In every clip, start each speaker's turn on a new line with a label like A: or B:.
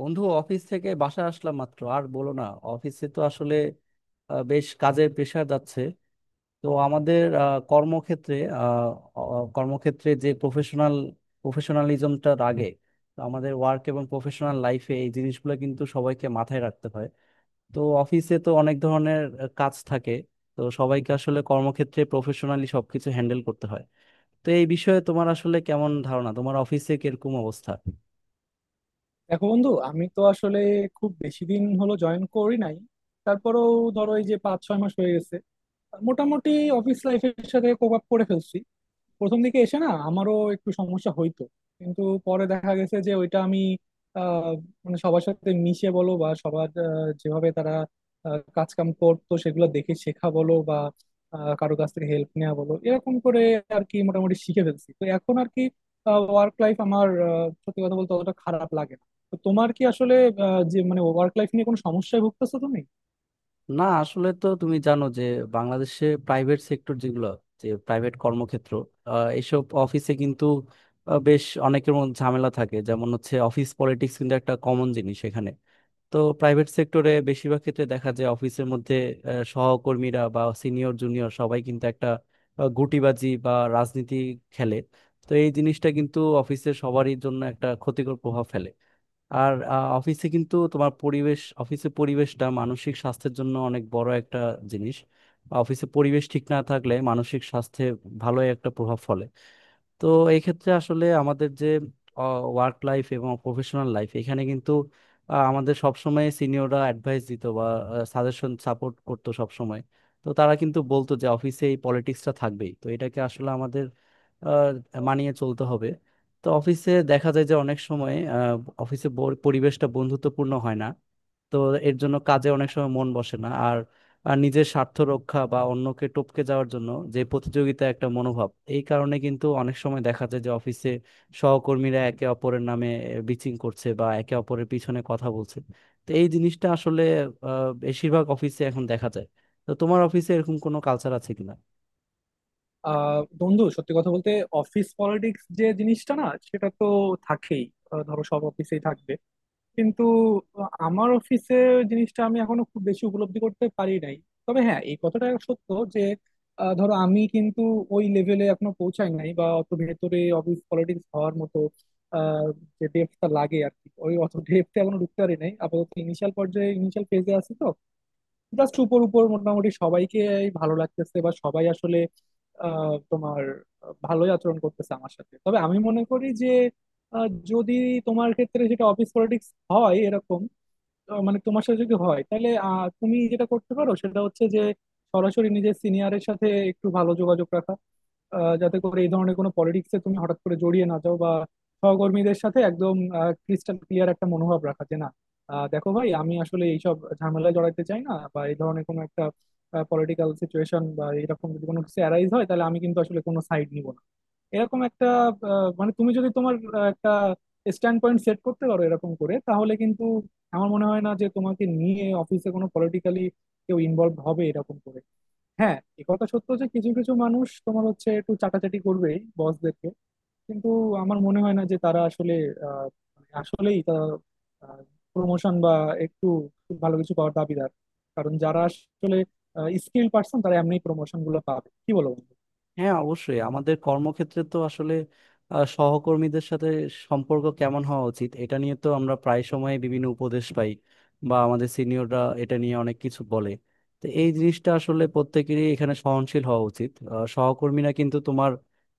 A: বন্ধু, অফিস থেকে বাসা আসলাম মাত্র। আর বলো না, অফিসে তো আসলে বেশ কাজের প্রেশার যাচ্ছে। তো আমাদের কর্মক্ষেত্রে আহ, কর্মক্ষেত্রে যে প্রফেশনাল প্রফেশনালিজমটা লাগে। তো আমাদের ওয়ার্ক এবং প্রফেশনাল লাইফে এই জিনিসগুলো কিন্তু সবাইকে মাথায় রাখতে হয়। তো অফিসে তো অনেক ধরনের কাজ থাকে। তো সবাইকে আসলে কর্মক্ষেত্রে প্রফেশনালি সবকিছু হ্যান্ডেল করতে হয়। তো এই বিষয়ে তোমার আসলে কেমন ধারণা, তোমার অফিসে কিরকম অবস্থা?
B: দেখো বন্ধু, আমি তো আসলে খুব বেশি দিন হলো জয়েন করি নাই। তারপরেও ধরো এই যে 5-6 মাস হয়ে গেছে, মোটামুটি অফিস লাইফের সাথে কোপ আপ করে ফেলছি। প্রথম দিকে এসে না আমারও একটু সমস্যা হইতো, কিন্তু পরে দেখা গেছে যে ওইটা আমি আহ, মানে সবার সাথে মিশে বলো বা সবার যেভাবে তারা কাজ কাম করতো সেগুলো দেখে শেখা বলো বা কারো কাছ থেকে হেল্প নেওয়া বলো, এরকম করে আর কি মোটামুটি শিখে ফেলছি। তো এখন আর কি ওয়ার্ক লাইফ আমার সত্যি কথা বলতে অতটা খারাপ লাগে না। তো তোমার কি আসলে যে মানে ওয়ার্ক লাইফ নিয়ে কোনো সমস্যায় ভুগতেছো তুমি?
A: না, আসলে তো তুমি জানো যে বাংলাদেশে প্রাইভেট সেক্টর যেগুলো, যে প্রাইভেট কর্মক্ষেত্র, এসব অফিসে কিন্তু বেশ অনেকের মধ্যে ঝামেলা থাকে, যেমন হচ্ছে অফিস পলিটিক্স কিন্তু একটা কমন জিনিস এখানে। তো প্রাইভেট সেক্টরে বেশিরভাগ ক্ষেত্রে দেখা যায় অফিসের মধ্যে আহ, সহকর্মীরা বা সিনিয়র জুনিয়র সবাই কিন্তু একটা গুটিবাজি বা রাজনীতি খেলে। তো এই জিনিসটা কিন্তু অফিসের সবারই জন্য একটা ক্ষতিকর প্রভাব ফেলে। আর অফিসে কিন্তু তোমার পরিবেশ, অফিসে পরিবেশটা মানসিক স্বাস্থ্যের জন্য অনেক বড় একটা জিনিস। অফিসে পরিবেশ ঠিক না থাকলে মানসিক স্বাস্থ্যে ভালো একটা প্রভাব ফলে। তো এই ক্ষেত্রে আসলে আমাদের যে ওয়ার্ক লাইফ এবং প্রফেশনাল লাইফ, এখানে কিন্তু আমাদের সবসময় সিনিয়ররা অ্যাডভাইস দিত বা সাজেশন সাপোর্ট করতো সবসময়। তো তারা কিন্তু বলতো যে অফিসে এই পলিটিক্সটা থাকবেই, তো এটাকে আসলে আমাদের মানিয়ে চলতে হবে। তো অফিসে দেখা যায় যে অনেক সময় অফিসে পরিবেশটা বন্ধুত্বপূর্ণ হয় না। তো এর জন্য কাজে অনেক সময় মন বসে না। আর নিজের স্বার্থ রক্ষা বা অন্যকে টপকে যাওয়ার জন্য যে প্রতিযোগিতা একটা মনোভাব, এই কারণে কিন্তু অনেক সময় দেখা যায় যে অফিসে সহকর্মীরা একে অপরের নামে বিচিং করছে বা একে অপরের পিছনে কথা বলছে। তো এই জিনিসটা আসলে বেশিরভাগ অফিসে এখন দেখা যায়। তো তোমার অফিসে এরকম কোনো কালচার আছে কিনা?
B: বন্ধু, সত্যি কথা বলতে অফিস পলিটিক্স যে জিনিসটা না, সেটা তো থাকেই। ধরো সব অফিসেই থাকবে। কিন্তু আমার অফিসে জিনিসটা আমি এখনো খুব বেশি উপলব্ধি করতে পারি নাই। তবে হ্যাঁ, এই কথাটা সত্য যে ধরো আমি কিন্তু ওই লেভেলে এখনো পৌঁছাই নাই বা অত ভেতরে অফিস পলিটিক্স হওয়ার মতো আহ, যে ডেপটা লাগে আর কি। ওই অত ডেপতে এখনো ঢুকতে পারি নাই, আপাতত ইনিশিয়াল পর্যায়ে, ইনিশিয়াল ফেজে আছি। তো জাস্ট উপর উপর মোটামুটি সবাইকে ভালো লাগতেছে বা সবাই আসলে আহ, তোমার ভালোই আচরণ করতেছে আমার সাথে। তবে আমি মনে করি যে যদি তোমার ক্ষেত্রে সেটা অফিস পলিটিক্স হয়, এরকম মানে তোমার সাথে যদি হয়, তাহলে তুমি যেটা করতে পারো সেটা হচ্ছে যে সরাসরি নিজের সিনিয়রের সাথে একটু ভালো যোগাযোগ রাখা। যাতে করে এই ধরনের কোনো পলিটিক্সে তুমি হঠাৎ করে জড়িয়ে না যাও, বা সহকর্মীদের সাথে একদম ক্রিস্টাল ক্লিয়ার একটা মনোভাব রাখা যে না, দেখো ভাই, আমি আসলে এইসব ঝামেলায় জড়াইতে চাই না, বা এই ধরনের কোনো একটা পলিটিক্যাল সিচুয়েশন বা এরকম যদি কোনো কিছু অ্যারাইজ হয় তাহলে আমি কিন্তু আসলে কোনো সাইড নিব না, এরকম একটা মানে তুমি যদি তোমার একটা স্ট্যান্ড পয়েন্ট সেট করতে পারো এরকম করে, তাহলে কিন্তু আমার মনে হয় না যে তোমাকে নিয়ে অফিসে কোনো পলিটিক্যালি কেউ ইনভলভ হবে এরকম করে। হ্যাঁ, এ কথা সত্য যে কিছু কিছু মানুষ তোমার হচ্ছে একটু চাটাচাটি করবেই বসদেরকে। কিন্তু আমার মনে হয় না যে তারা আসলে আহ, মানে আসলেই তারা প্রমোশন বা একটু ভালো কিছু পাওয়ার দাবিদার। কারণ যারা আসলে স্কিল পার্সন, তারা এমনি প্রমোশন গুলো পাবে, কি বলো বন্ধু?
A: হ্যাঁ, অবশ্যই আমাদের কর্মক্ষেত্রে তো আসলে সহকর্মীদের সাথে সম্পর্ক কেমন হওয়া উচিত এটা নিয়ে তো আমরা প্রায় সময় বিভিন্ন উপদেশ পাই বা আমাদের সিনিয়ররা এটা নিয়ে অনেক কিছু বলে। তো এই জিনিসটা আসলে প্রত্যেকেরই এখানে সহনশীল হওয়া উচিত। সহকর্মীরা কিন্তু তোমার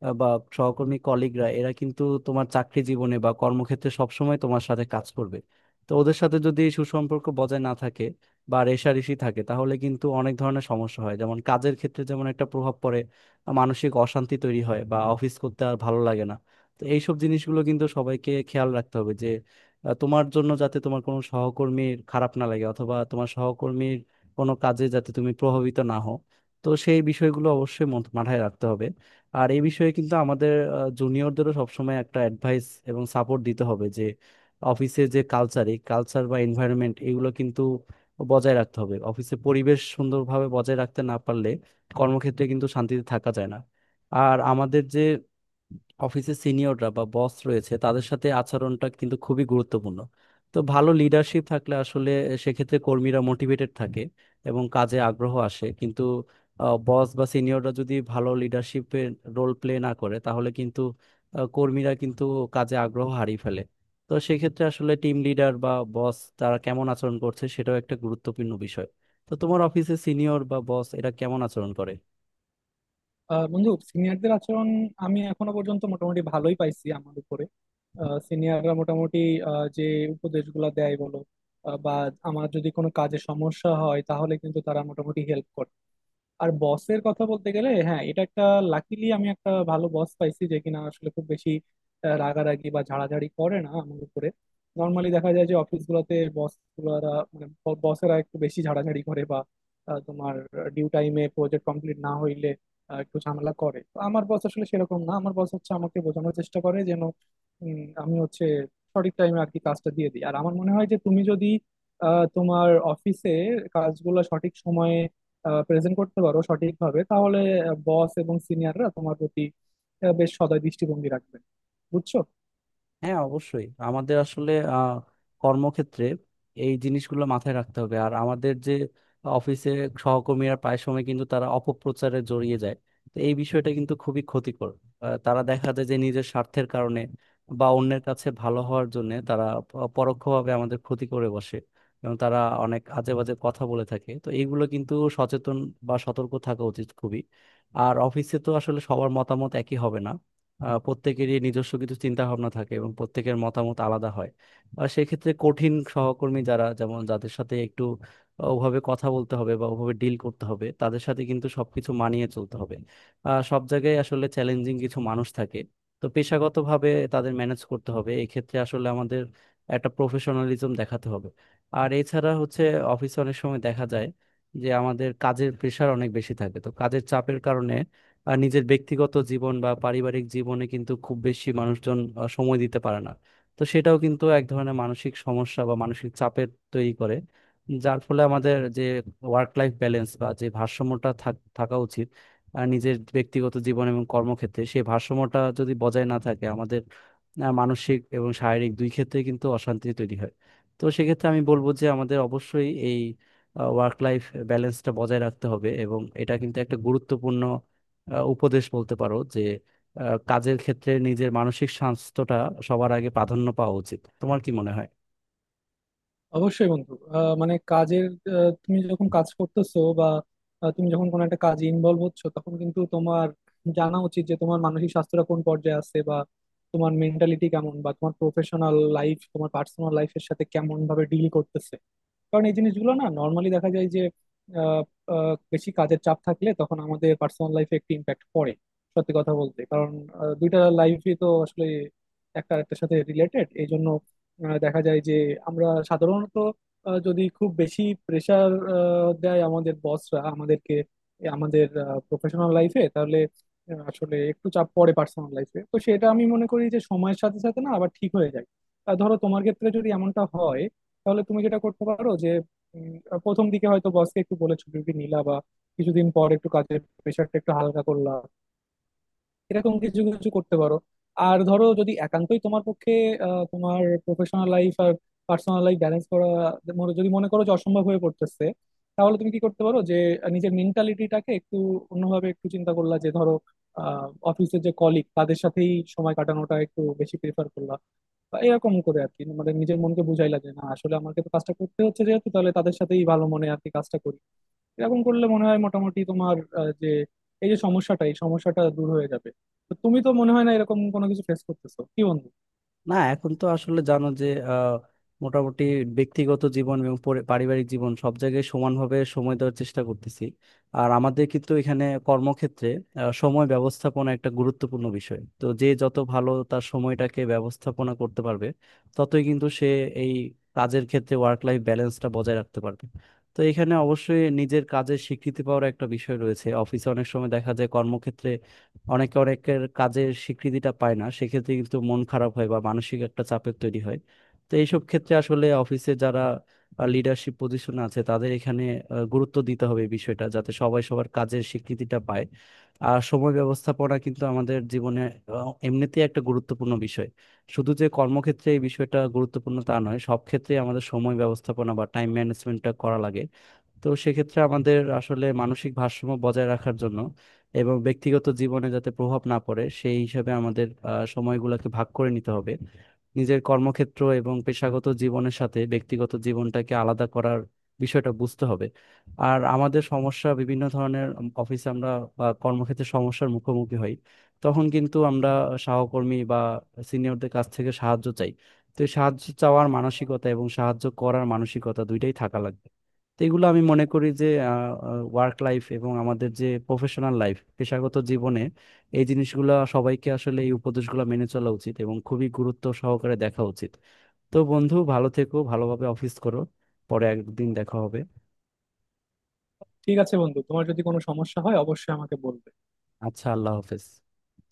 A: আহ, বা সহকর্মী কলিগরা, এরা কিন্তু তোমার চাকরি জীবনে বা কর্মক্ষেত্রে সবসময় তোমার সাথে কাজ করবে। তো ওদের সাথে যদি সুসম্পর্ক বজায় না থাকে বা রেষারেষি থাকে, তাহলে কিন্তু অনেক ধরনের সমস্যা হয়, যেমন কাজের ক্ষেত্রে যেমন একটা প্রভাব পড়ে, মানসিক অশান্তি তৈরি হয় বা অফিস করতে আর ভালো লাগে না। তো এইসব জিনিসগুলো কিন্তু সবাইকে খেয়াল রাখতে হবে যে তোমার জন্য যাতে তোমার কোনো সহকর্মীর খারাপ না লাগে, অথবা তোমার সহকর্মীর কোনো কাজে যাতে তুমি প্রভাবিত না হও। তো সেই বিষয়গুলো অবশ্যই মাথায় রাখতে হবে। আর এই বিষয়ে কিন্তু আমাদের জুনিয়রদেরও সবসময় একটা অ্যাডভাইস এবং সাপোর্ট দিতে হবে যে অফিসে যে কালচার, এই কালচার বা এনভায়রনমেন্ট, এগুলো কিন্তু বজায় রাখতে হবে। অফিসে পরিবেশ সুন্দরভাবে বজায় রাখতে না পারলে কর্মক্ষেত্রে কিন্তু শান্তিতে থাকা যায় না। আর আমাদের যে অফিসে সিনিয়ররা বা বস রয়েছে তাদের সাথে আচরণটা কিন্তু খুবই গুরুত্বপূর্ণ। তো ভালো লিডারশিপ থাকলে আসলে সেক্ষেত্রে কর্মীরা মোটিভেটেড থাকে এবং কাজে আগ্রহ আসে, কিন্তু বস বা সিনিয়ররা যদি ভালো লিডারশিপের রোল প্লে না করে, তাহলে কিন্তু কর্মীরা কিন্তু কাজে আগ্রহ হারিয়ে ফেলে। তো সেক্ষেত্রে আসলে টিম লিডার বা বস তারা কেমন আচরণ করছে সেটাও একটা গুরুত্বপূর্ণ বিষয়। তো তোমার অফিসে সিনিয়র বা বস এরা কেমন আচরণ করে?
B: বন্ধু, সিনিয়রদের আচরণ আমি এখনো পর্যন্ত মোটামুটি ভালোই পাইছি। আমার উপরে সিনিয়ররা মোটামুটি যে উপদেশগুলো দেয় বলো, বা আমার যদি কোনো কাজে সমস্যা হয় তাহলে কিন্তু তারা মোটামুটি হেল্প করে। আর বসের কথা বলতে গেলে, হ্যাঁ, এটা একটা, লাকিলি আমি একটা ভালো বস পাইছি যে কিনা আসলে খুব বেশি রাগারাগি বা ঝাড়াঝাড়ি করে না আমার উপরে। নর্মালি দেখা যায় যে অফিস গুলোতে বস গুলারা, মানে বসেরা একটু বেশি ঝাড়াঝাড়ি করে বা তোমার ডিউ টাইমে প্রজেক্ট কমপ্লিট না হইলে একটু ঝামেলা করে। তো আমার বস আসলে সেরকম না, আমার বস হচ্ছে আমাকে বোঝানোর চেষ্টা করে যেন আমি হচ্ছে সঠিক টাইমে আর কি কাজটা দিয়ে দিই। আর আমার মনে হয় যে তুমি যদি তোমার অফিসে কাজগুলো সঠিক সময়ে প্রেজেন্ট করতে পারো সঠিকভাবে, তাহলে বস এবং সিনিয়ররা তোমার প্রতি বেশ সদয় দৃষ্টিভঙ্গি রাখবে। বুঝছো?
A: হ্যাঁ, অবশ্যই আমাদের আসলে কর্মক্ষেত্রে এই জিনিসগুলো মাথায় রাখতে হবে। আর আমাদের যে অফিসে সহকর্মীরা প্রায় সময় কিন্তু তারা অপপ্রচারে জড়িয়ে যায়। তো এই বিষয়টা কিন্তু খুবই ক্ষতিকর। তারা দেখা যায় যে নিজের স্বার্থের কারণে বা অন্যের কাছে ভালো হওয়ার জন্য তারা পরোক্ষভাবে আমাদের ক্ষতি করে বসে এবং তারা অনেক আজে বাজে কথা বলে থাকে। তো এইগুলো কিন্তু সচেতন বা সতর্ক থাকা উচিত খুবই। আর অফিসে তো আসলে সবার মতামত একই হবে না। প্রত্যেকেরই নিজস্ব কিছু চিন্তা ভাবনা থাকে এবং প্রত্যেকের মতামত আলাদা হয়। আর সেক্ষেত্রে কঠিন সহকর্মী যারা, যেমন যাদের সাথে একটু ওভাবে কথা বলতে হবে বা ওভাবে ডিল করতে হবে, তাদের সাথে কিন্তু সবকিছু মানিয়ে চলতে হবে। সব জায়গায় আসলে চ্যালেঞ্জিং কিছু মানুষ থাকে। তো পেশাগতভাবে তাদের ম্যানেজ করতে হবে। এক্ষেত্রে আসলে আমাদের একটা প্রফেশনালিজম দেখাতে হবে। আর এছাড়া হচ্ছে অফিসে অনেক সময় দেখা যায় যে আমাদের কাজের প্রেশার অনেক বেশি থাকে। তো কাজের চাপের কারণে আর নিজের ব্যক্তিগত জীবন বা পারিবারিক জীবনে কিন্তু খুব বেশি মানুষজন সময় দিতে পারে না। তো সেটাও কিন্তু এক ধরনের মানসিক সমস্যা বা মানসিক চাপের তৈরি করে, যার ফলে আমাদের যে ওয়ার্ক লাইফ ব্যালেন্স বা যে ভারসাম্যটা থাকা উচিত, নিজের ব্যক্তিগত জীবন এবং কর্মক্ষেত্রে সেই ভারসাম্যটা যদি বজায় না থাকে, আমাদের মানসিক এবং শারীরিক দুই ক্ষেত্রে কিন্তু অশান্তি তৈরি হয়। তো সেক্ষেত্রে আমি বলবো যে আমাদের অবশ্যই এই ওয়ার্ক লাইফ ব্যালেন্সটা বজায় রাখতে হবে এবং এটা কিন্তু একটা গুরুত্বপূর্ণ উপদেশ বলতে পারো যে কাজের ক্ষেত্রে নিজের মানসিক স্বাস্থ্যটা সবার আগে প্রাধান্য পাওয়া উচিত। তোমার কি মনে হয়?
B: অবশ্যই বন্ধু। মানে কাজের তুমি যখন কাজ করতেছো বা তুমি যখন কোনো একটা কাজে ইনভলভ হচ্ছ, তখন কিন্তু তোমার জানা উচিত যে তোমার মানসিক স্বাস্থ্যটা কোন পর্যায়ে আছে, বা তোমার মেন্টালিটি কেমন, বা তোমার প্রফেশনাল লাইফ তোমার পার্সোনাল লাইফের সাথে কেমন ভাবে ডিল করতেছে। কারণ এই জিনিসগুলো না, নর্মালি দেখা যায় যে আহ, আহ, বেশি কাজের চাপ থাকলে তখন আমাদের পার্সোনাল লাইফে একটি ইম্প্যাক্ট পড়ে। সত্যি কথা বলতে কারণ দুইটা লাইফই তো আসলে একটা আরেকটার সাথে রিলেটেড। এই জন্য দেখা যায় যে আমরা সাধারণত যদি খুব বেশি প্রেশার দেয় আমাদের বসরা আমাদেরকে এ আমাদের প্রফেশনাল লাইফে, তাহলে আসলে একটু চাপ পড়ে পার্সোনাল লাইফে। তো সেটা আমি মনে করি যে সময়ের সাথে সাথে না আবার ঠিক হয়ে যায়। ধরো তোমার ক্ষেত্রে যদি এমনটা হয়, তাহলে তুমি যেটা করতে পারো যে উম, প্রথম দিকে হয়তো বসকে একটু বলে ছুটি নিলা, বা কিছুদিন পর একটু কাজের প্রেশারটা একটু হালকা করলা, এরকম কিছু কিছু করতে পারো। আর ধরো যদি একান্তই তোমার পক্ষে তোমার প্রফেশনাল লাইফ আর পার্সোনাল লাইফ ব্যালেন্স করা যদি মনে করো যে অসম্ভব হয়ে পড়তেছে, তাহলে তুমি কি করতে পারো যে নিজের মেন্টালিটিটাকে একটু অন্যভাবে একটু চিন্তা করলা। যে ধরো অফিসের যে কলিগ, তাদের সাথেই সময় কাটানোটা একটু বেশি প্রেফার করলা, বা এরকম করে আর কি। মানে নিজের মনকে বুঝাইলা যে না, আসলে আমাকে তো কাজটা করতে হচ্ছে যেহেতু, তাহলে তাদের সাথেই ভালো মনে আর কি কাজটা করি। এরকম করলে মনে হয় মোটামুটি তোমার যে এই যে সমস্যাটা, এই সমস্যাটা দূর হয়ে যাবে। তো তুমি তো মনে হয় না এরকম কোনো কিছু ফেস করতেছো, কি বন্ধু?
A: না, এখন তো আসলে জানো যে মোটামুটি ব্যক্তিগত জীবন এবং পারিবারিক জীবন সব জায়গায় সমানভাবে সময় দেওয়ার চেষ্টা করতেছি। আর আমাদের কিন্তু এখানে কর্মক্ষেত্রে সময় ব্যবস্থাপনা একটা গুরুত্বপূর্ণ বিষয়। তো যে যত ভালো তার সময়টাকে ব্যবস্থাপনা করতে পারবে, ততই কিন্তু সে এই কাজের ক্ষেত্রে ওয়ার্ক লাইফ ব্যালেন্সটা বজায় রাখতে পারবে। তো এখানে অবশ্যই নিজের কাজের স্বীকৃতি পাওয়ার একটা বিষয় রয়েছে। অফিসে অনেক সময় দেখা যায় কর্মক্ষেত্রে অনেকে অনেকের কাজের স্বীকৃতিটা পায় না, সেক্ষেত্রে কিন্তু মন খারাপ হয় বা মানসিক একটা চাপের তৈরি হয়। তো এইসব ক্ষেত্রে আসলে অফিসে যারা লিডারশিপ পজিশনে আছে তাদের এখানে গুরুত্ব দিতে হবে এই বিষয়টা, যাতে সবাই সবার কাজের স্বীকৃতিটা পায়। আর সময় ব্যবস্থাপনা কিন্তু আমাদের জীবনে এমনিতেই একটা গুরুত্বপূর্ণ বিষয়। শুধু যে কর্মক্ষেত্রে এই বিষয়টা গুরুত্বপূর্ণ তা নয়, সব ক্ষেত্রে আমাদের সময় ব্যবস্থাপনা বা টাইম ম্যানেজমেন্টটা করা লাগে। তো সেক্ষেত্রে আমাদের আসলে মানসিক ভারসাম্য বজায় রাখার জন্য এবং ব্যক্তিগত জীবনে যাতে প্রভাব না পড়ে সেই হিসাবে আমাদের সময়গুলোকে ভাগ করে নিতে হবে। নিজের কর্মক্ষেত্র এবং পেশাগত জীবনের সাথে ব্যক্তিগত জীবনটাকে আলাদা করার বিষয়টা বুঝতে হবে। আর আমাদের সমস্যা বিভিন্ন ধরনের, অফিসে আমরা বা কর্মক্ষেত্রে সমস্যার মুখোমুখি হই, তখন কিন্তু আমরা সহকর্মী বা সিনিয়রদের কাছ থেকে সাহায্য চাই। তো এই সাহায্য চাওয়ার মানসিকতা এবং সাহায্য করার মানসিকতা দুইটাই থাকা লাগবে। তো এগুলো আমি মনে করি যে ওয়ার্ক লাইফ এবং আমাদের যে প্রফেশনাল লাইফ পেশাগত জীবনে এই জিনিসগুলো সবাইকে আসলে এই উপদেশগুলো মেনে চলা উচিত এবং খুবই গুরুত্ব সহকারে দেখা উচিত। তো বন্ধু, ভালো থেকো, ভালোভাবে অফিস করো। পরে একদিন দেখা হবে।
B: ঠিক আছে বন্ধু, তোমার যদি কোনো সমস্যা হয় অবশ্যই আমাকে বলবে।
A: আচ্ছা, আল্লাহ হাফেজ।